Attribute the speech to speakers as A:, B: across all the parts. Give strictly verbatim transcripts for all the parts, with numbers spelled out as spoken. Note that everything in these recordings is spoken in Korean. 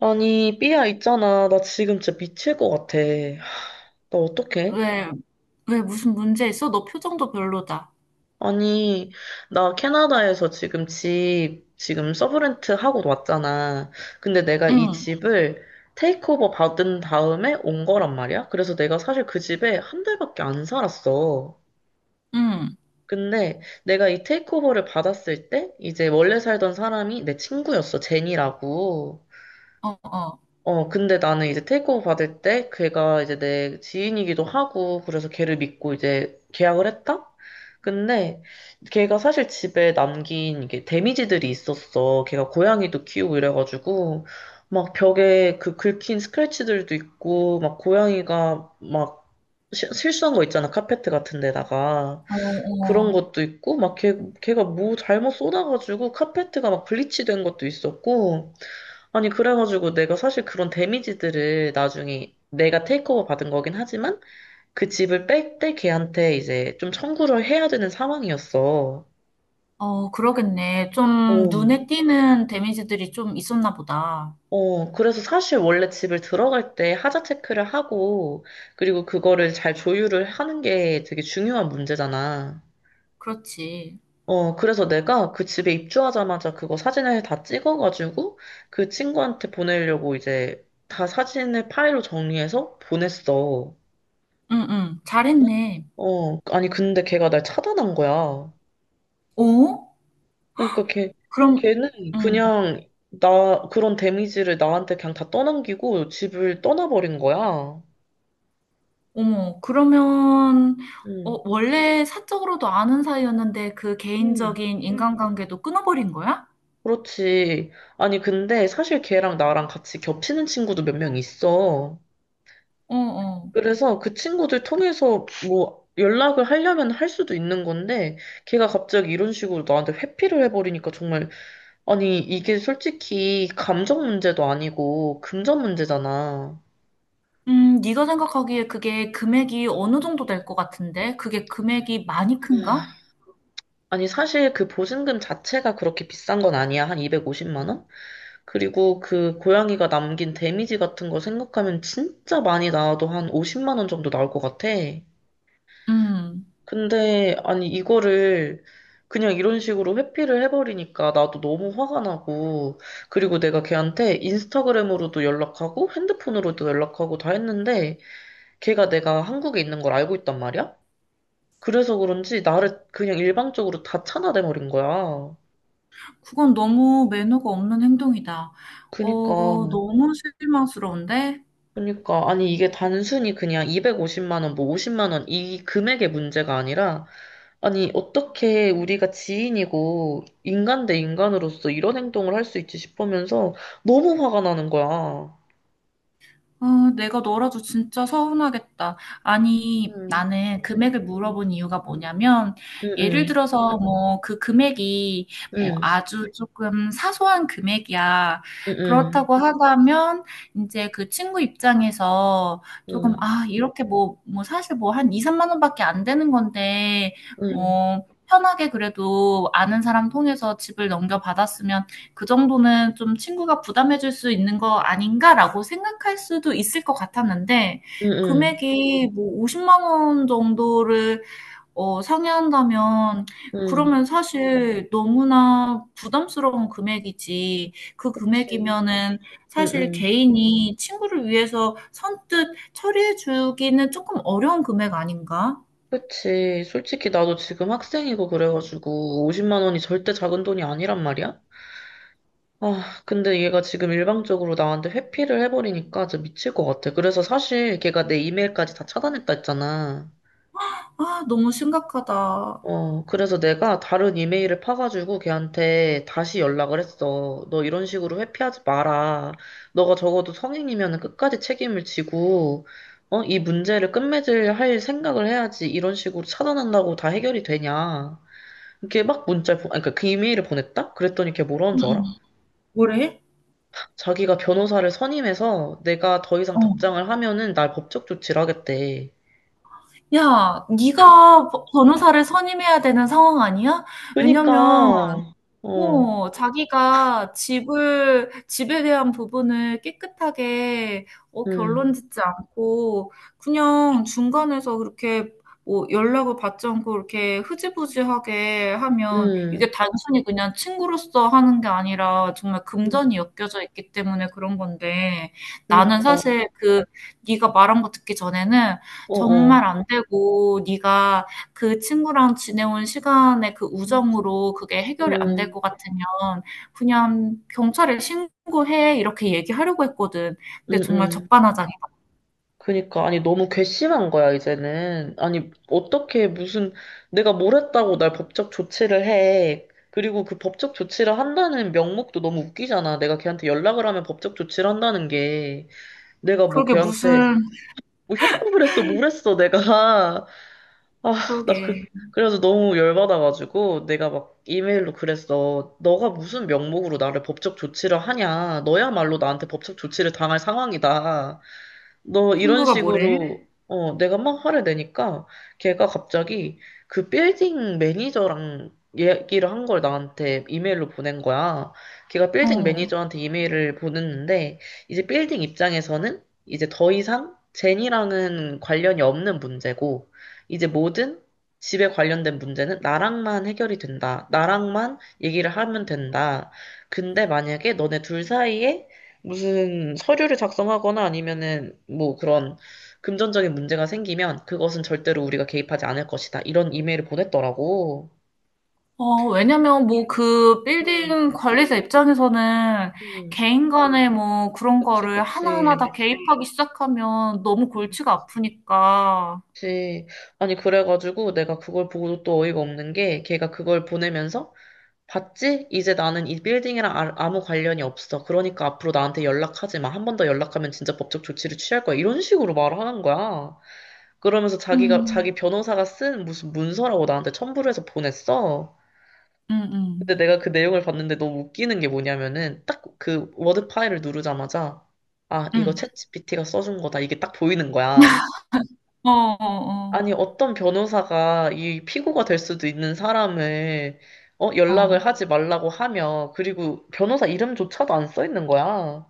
A: 아니, 삐야 있잖아. 나 지금 진짜 미칠 것 같아. 하, 나 어떡해?
B: 왜, 왜 무슨 문제 있어? 너 표정도 별로다.
A: 아니, 나 캐나다에서 지금 집, 지금 서브렌트 하고 왔잖아. 근데 내가 이
B: 응,
A: 집을 테이크오버 받은 다음에 온 거란 말이야. 그래서 내가 사실 그 집에 한 달밖에 안 살았어.
B: 응.
A: 근데 내가 이 테이크오버를 받았을 때, 이제 원래 살던 사람이 내 친구였어. 제니라고.
B: 어, 어.
A: 어, 근데 나는 이제 테이크오버 받을 때 걔가 이제 내 지인이기도 하고 그래서 걔를 믿고 이제 계약을 했다? 근데 걔가 사실 집에 남긴 이게 데미지들이 있었어. 걔가 고양이도 키우고 이래가지고 막 벽에 그 긁힌 스크래치들도 있고 막 고양이가 막 시- 실수한 거 있잖아. 카페트 같은 데다가.
B: 어,
A: 그런
B: 어.
A: 것도 있고 막 걔, 걔가 뭐 잘못 쏟아가지고 카페트가 막 블리치 된 것도 있었고, 아니, 그래가지고 내가 사실 그런 데미지들을 나중에 내가 테이크오버 받은 거긴 하지만 그 집을 뺄 때 걔한테 이제 좀 청구를 해야 되는 상황이었어.
B: 어, 그러겠네. 좀
A: 어,
B: 눈에 띄는 데미지들이 좀 있었나 보다.
A: 어, 그래서 사실 원래 집을 들어갈 때 하자 체크를 하고, 그리고 그거를 잘 조율을 하는 게 되게 중요한 문제잖아.
B: 그렇지.
A: 어, 그래서 내가 그 집에 입주하자마자 그거 사진을 다 찍어가지고 그 친구한테 보내려고 이제 다 사진을 파일로 정리해서 보냈어.
B: 응, 응, 잘했네.
A: 어, 아니, 근데 걔가 날 차단한 거야.
B: 어?
A: 그러니까 걔,
B: 그럼,
A: 걔는
B: 응.
A: 그냥 나, 그런 데미지를 나한테 그냥 다 떠넘기고 집을 떠나버린 거야.
B: 어머, 그러면,
A: 응,
B: 어, 원래 사적으로도 아는 사이였는데 그
A: 응,
B: 개인적인 인간관계도 끊어버린 거야?
A: 그렇지. 아니, 근데 사실 걔랑 나랑 같이 겹치는 친구도 몇 명 있어.
B: 어, 어.
A: 그래서 그 친구들 통해서 뭐 연락을 하려면 할 수도 있는 건데, 걔가 갑자기 이런 식으로 나한테 회피를 해버리니까 정말, 아니, 이게 솔직히 감정 문제도 아니고 금전 문제잖아.
B: 음, 네가 생각하기에 그게 금액이 어느 정도 될 것 같은데? 그게 금액이 많이 큰가?
A: 아, 니 사실 그 보증금 자체가 그렇게 비싼 건 아니야. 한 이백오십만 원? 그리고 그 고양이가 남긴 데미지 같은 거 생각하면 진짜 많이 나와도 한 오십만 원 정도 나올 것 같아.
B: 음,
A: 근데, 아니, 이거를 그냥 이런 식으로 회피를 해버리니까 나도 너무 화가 나고, 그리고 내가 걔한테 인스타그램으로도 연락하고, 핸드폰으로도 연락하고 다 했는데, 걔가 내가 한국에 있는 걸 알고 있단 말이야? 그래서 그런지 나를 그냥 일방적으로 다 차단해버린 거야.
B: 그건 너무 매너가 없는 행동이다.
A: 그니까,
B: 어, 너무 실망스러운데?
A: 그니까. 아니, 이게 단순히 그냥 이백오십만 원, 뭐 오십만 원, 이 금액의 문제가 아니라, 아니, 어떻게 우리가 지인이고, 인간 대 인간으로서 이런 행동을 할 수 있지 싶으면서 너무 화가 나는 거야.
B: 아, 내가 너라도 진짜 서운하겠다. 아니,
A: 응,
B: 나는 금액을 물어본 이유가 뭐냐면,
A: 응,
B: 예를
A: 응,
B: 들어서 뭐 그 금액이 뭐
A: 응,
B: 아주 조금 사소한 금액이야.
A: 응,
B: 그렇다고 하다면, 이제 그 친구 입장에서 조금,
A: 응,
B: 아, 이렇게 뭐, 뭐 사실 뭐 한 이, 삼만 원밖에 안 되는 건데,
A: 응,
B: 뭐, 편하게 그래도 아는 사람 통해서 집을 그 정도는 좀 친구가 부담해 줄 수 있는 거 아닌가라고 생각할 수도 있을 것 같았는데,
A: 응,
B: 금액이 뭐 오십 십만 원 정도를 어 상회한다면,
A: 응,
B: 그러면 사실 너무나 부담스러운 금액이지. 그
A: 그치,
B: 금액이면은
A: 응,
B: 사실
A: 응,
B: 개인이 친구를 위해서 선뜻 처리해 주기는 조금 어려운 금액 아닌가?
A: 그치. 솔직히 나도 지금 학생이고 그래가지고 오십만 원이 절대 작은 돈이 아니란 말이야? 아, 근데 얘가 지금 일방적으로 나한테 회피를 해버리니까 진짜 미칠 것 같아. 그래서 사실 걔가 내 이메일까지 다 차단했다 했잖아.
B: 아, 너무 심각하다.
A: 어, 그래서 내가 다른 이메일을 파가지고 걔한테 다시 연락을 했어. 너 이런 식으로 회피하지 마라. 너가 적어도 성인이면 끝까지 책임을 지고, 어, 이 문제를 끝맺을 할 생각을 해야지. 이런 식으로 차단한다고 다 해결이 되냐. 이렇게 막 문자를, 보, 아니, 그러니까 그 이메일을 보냈다? 그랬더니 걔 뭐라는 줄 알아?
B: 음음. 뭐래?
A: 자기가 변호사를 선임해서 내가 더 이상
B: 어.
A: 답장을 하면은 날 법적 조치를 하겠대.
B: 야, 네가 버- 변호사를 선임해야 되는 상황 아니야? 왜냐면
A: 그니까, 어,
B: 어, 자기가 집을, 집에 대한 부분을 깨끗하게, 어, 결론
A: 음,
B: 짓지 않고, 그냥 중간에서 그렇게, 뭐, 연락을 받지 않고, 이렇게 흐지부지하게 하면, 이게
A: 음,
B: 단순히 그냥 친구로서 하는 게 아니라, 정말
A: 음,
B: 금전이 엮여져 있기 때문에 그런 건데, 나는
A: 그니까,
B: 사실 그, 네가 말한 거 듣기 전에는,
A: 어, 어,
B: 정말 안 되고, 네가 그 친구랑 지내온 시간의 그
A: 음,
B: 우정으로 그게 해결이 안 될 것 같으면 그냥 "경찰에 신고해." 이렇게 얘기하려고 했거든. 근데
A: 음,
B: 정말
A: 음.
B: 적반하장이다.
A: 그니까, 아니, 너무 괘씸한 거야, 이제는. 아니, 어떻게 무슨, 내가 뭘 했다고 날 법적 조치를 해. 그리고 그 법적 조치를 한다는 명목도 너무 웃기잖아. 내가 걔한테 연락을 하면 법적 조치를 한다는 게. 내가 뭐
B: 그러게
A: 걔한테
B: 무슨
A: 뭐 협박을 했어, 뭘 했어, 내가. 아, 나 그,
B: 그러게.
A: 그래서 너무 열받아가지고 내가 막 이메일로 그랬어. 너가 무슨 명목으로 나를 법적 조치를 하냐. 너야말로 나한테 법적 조치를 당할 상황이다. 너 이런
B: 친구가 뭐래?
A: 식으로 네. 어, 내가 막 화를 내니까 걔가 갑자기 그 빌딩 매니저랑 얘기를 한 걸 나한테 이메일로 보낸 거야. 걔가 빌딩
B: 어.
A: 매니저한테 이메일을 보냈는데 이제 빌딩 입장에서는 이제 더 이상 제니랑은 관련이 없는 문제고, 이제 모든 집에 관련된 문제는 나랑만 해결이 된다. 나랑만 얘기를 하면 된다. 근데 만약에 너네 둘 사이에 무슨 서류를 작성하거나 아니면은 뭐 그런 금전적인 문제가 생기면 그것은 절대로 우리가 개입하지 않을 것이다. 이런 이메일을 보냈더라고.
B: 어, 왜냐면 뭐 그
A: 음,
B: 빌딩 관리자 입장에서는
A: 음.
B: 개인 간의 뭐 그런
A: 그치,
B: 거를 하나하나 다
A: 그치.
B: 개입하기 시작하면 너무 골치가 아프니까.
A: 그치. 아니, 그래가지고 내가 그걸 보고 또 어이가 없는 게 걔가 그걸 보내면서 봤지? 이제 나는 이 빌딩이랑 아- 아무 관련이 없어. 그러니까 앞으로 나한테 연락하지 마. 한 번 더 연락하면 진짜 법적 조치를 취할 거야. 이런 식으로 말을 하는 거야. 그러면서 자기가, 자기
B: 음.
A: 변호사가 쓴 무슨 문서라고 나한테 첨부를 해서 보냈어. 근데
B: 음음.
A: 내가 그 내용을 봤는데 너무 웃기는 게 뭐냐면은 딱 그 워드 파일을 누르자마자, 아, 이거
B: 음.
A: 챗지피티가 써준 거다. 이게 딱 보이는 거야.
B: 어어어. 어.
A: 아니, 어떤 변호사가 이 피고가 될 수도 있는 사람을, 어,
B: 어, 어.
A: 연락을
B: 어.
A: 하지 말라고 하며, 그리고 변호사 이름조차도 안 써 있는 거야.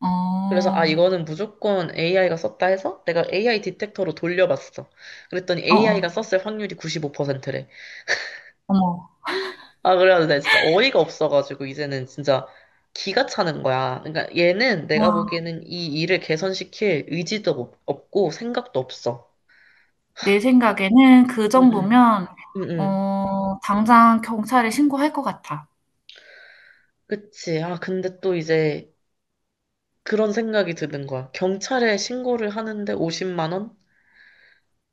B: 어,
A: 그래서 아,
B: 어.
A: 이거는 무조건 에이아이가 썼다 해서 내가 에이아이 디텍터로 돌려봤어. 그랬더니
B: 어,
A: 에이아이가 썼을 확률이 구십오 퍼센트래.
B: 어머.
A: 아, 그래가지고 내가 진짜 어이가 없어가지고 이제는 진짜 기가 차는 거야. 그러니까 얘는 내가
B: 와,
A: 보기에는 이 일을 개선시킬 의지도 없- 없고 생각도 없어.
B: 내 생각에는 그
A: 응응.
B: 정도면,
A: 응응.
B: 어, 당장 경찰에 신고할 것 같아.
A: 그치. 아, 근데 또 이제 그런 생각이 드는 거야. 경찰에 신고를 하는데 오십만 원?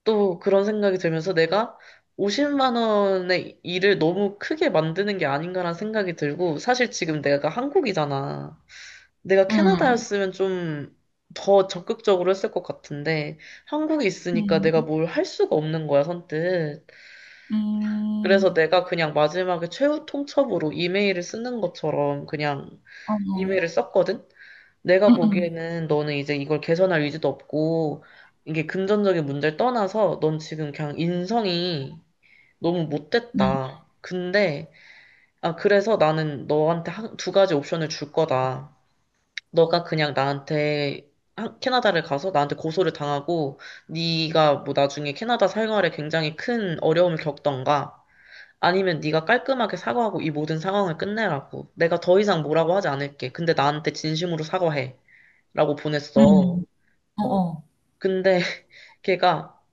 A: 또 그런 생각이 들면서 내가 오십만 원의 일을 너무 크게 만드는 게 아닌가라는 생각이 들고, 사실 지금 내가 한국이잖아. 내가
B: 음,
A: 캐나다였으면 좀 더 적극적으로 했을 것 같은데, 한국에 있으니까
B: 음,
A: 내가 뭘 할 수가 없는 거야, 선뜻. 그래서
B: 음.
A: 내가 그냥 마지막에 최후 통첩으로 이메일을 쓰는 것처럼 그냥
B: 어, 머
A: 이메일을 썼거든? 내가
B: 음, 음,
A: 보기에는 너는 이제 이걸 개선할 의지도 없고, 이게 금전적인 문제를 떠나서 넌 지금 그냥 인성이 너무
B: 음,
A: 못됐다. 근데, 아, 그래서 나는 너한테 한, 두 가지 옵션을 줄 거다. 너가 그냥 나한테 한- 캐나다를 가서 나한테 고소를 당하고 네가 뭐 나중에 캐나다 생활에 굉장히 큰 어려움을 겪던가, 아니면 네가 깔끔하게 사과하고 이 모든 상황을 끝내라고, 내가 더 이상 뭐라고 하지 않을게, 근데 나한테 진심으로 사과해, 라고 보냈어.
B: 음. 어, 어.
A: 근데 걔가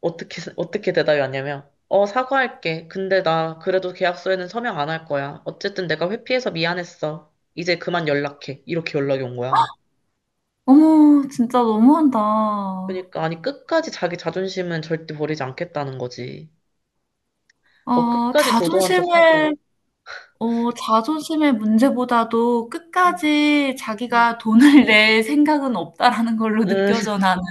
A: 어떻게 어떻게 대답이 왔냐면, 어, 사과할게, 근데 나 그래도 계약서에는 서명 안 할 거야, 어쨌든 내가 회피해서 미안했어, 이제 그만 연락해, 이렇게 연락이 온 거야.
B: 어머, 진짜 너무한다.
A: 그러니까 아니 끝까지 자기 자존심은 절대 버리지 않겠다는 거지. 어
B: 어,
A: 끝까지 도도한 척하고.
B: 자존심을, 어, 자존심의 문제보다도
A: 응,
B: 끝까지
A: 응.
B: 자기가 돈을 낼 생각은 없다라는 걸로
A: 응,
B: 느껴져, 나는.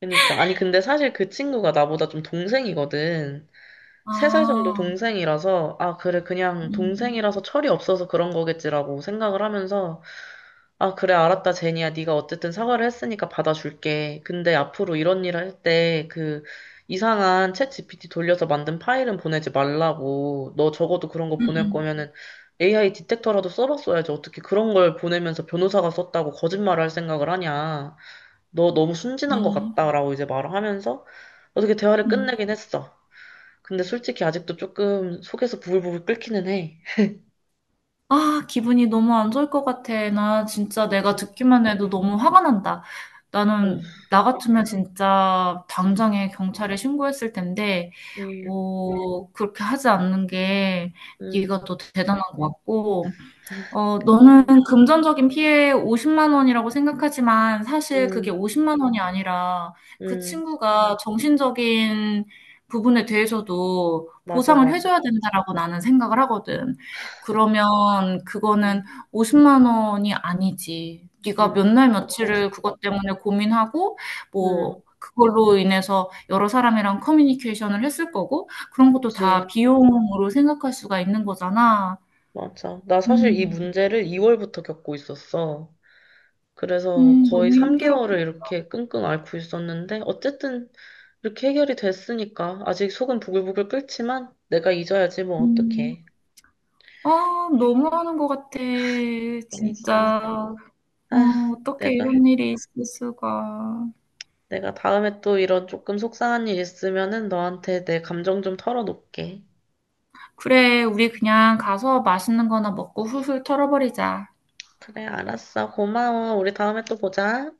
A: 그러니까 아니 근데 사실 그 친구가 나보다 좀 동생이거든. 세 살 정도
B: 아,
A: 동생이라서, 아 그래 그냥
B: 음,
A: 동생이라서 철이 없어서 그런 거겠지라고 생각을 하면서, 아, 그래, 알았다, 제니야. 네가 어쨌든 사과를 했으니까 받아줄게. 근데 앞으로 이런 일을 할 때 그 이상한 챗 지피티 돌려서 만든 파일은 보내지 말라고. 너 적어도 그런 거 보낼
B: 음,
A: 거면은 에이아이 디텍터라도 써봤어야지. 어떻게 그런 걸 보내면서 변호사가 썼다고 거짓말을 할 생각을 하냐. 너 너무
B: 음,
A: 순진한 것
B: 음.
A: 같다라고 이제 말을 하면서 어떻게 대화를
B: 음.
A: 끝내긴 했어. 근데 솔직히 아직도 조금 속에서 부글부글 끓기는 해.
B: 아, 기분이 너무 안 좋을 것 같아. 나 진짜 내가 듣기만 해도 너무 화가 난다.
A: 음,
B: 나는, 나 같으면 진짜
A: 음,
B: 당장에 경찰에 신고했을 텐데,
A: 음,
B: 어, 그렇게 하지 않는 게
A: 음,
B: 네가 더 대단한 것 같고, 어, 너는
A: 음,
B: 금전적인 피해 오십만 원이라고 생각하지만 사실 그게
A: 음,
B: 오십만 원이 아니라 그
A: 음.
B: 친구가 정신적인 부분에 대해서도
A: 맞아,
B: 보상을
A: 맞아.
B: 해줘야 된다라고 나는 생각을 하거든. 그러면
A: 응,
B: 그거는 오십만 원이 아니지. 네가 몇
A: 응,
B: 날
A: 맞아.
B: 며칠을 그것 때문에 고민하고
A: 응,
B: 뭐 그걸로 인해서 여러 사람이랑 커뮤니케이션을 했을 거고 그런 것도
A: 그치.
B: 다 비용으로 생각할 수가 있는 거잖아.
A: 맞아. 나 사실 이
B: 음.
A: 문제를 이 월부터 겪고 있었어. 그래서
B: 음,
A: 거의
B: 너무 힘들었겠군.
A: 삼 개월을 이렇게 끙끙 앓고 있었는데, 어쨌든 이렇게 해결이 됐으니까. 아직 속은 부글부글 끓지만, 내가 잊어야지, 뭐, 어떡해.
B: 아, 너무하는 것 같아.
A: 그러니까.
B: 진짜. 어,
A: 아,
B: 어떻게
A: 내가,
B: 이런 일이 있을 수가.
A: 내가 다음에 또 이런 조금 속상한 일 있으면은 너한테 내 감정 좀 털어놓을게.
B: 그래, 우리 그냥 가서 맛있는 거나 먹고 훌훌 털어버리자.
A: 그래, 알았어. 고마워. 우리 다음에 또 보자.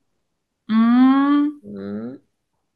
B: 음.
A: 음.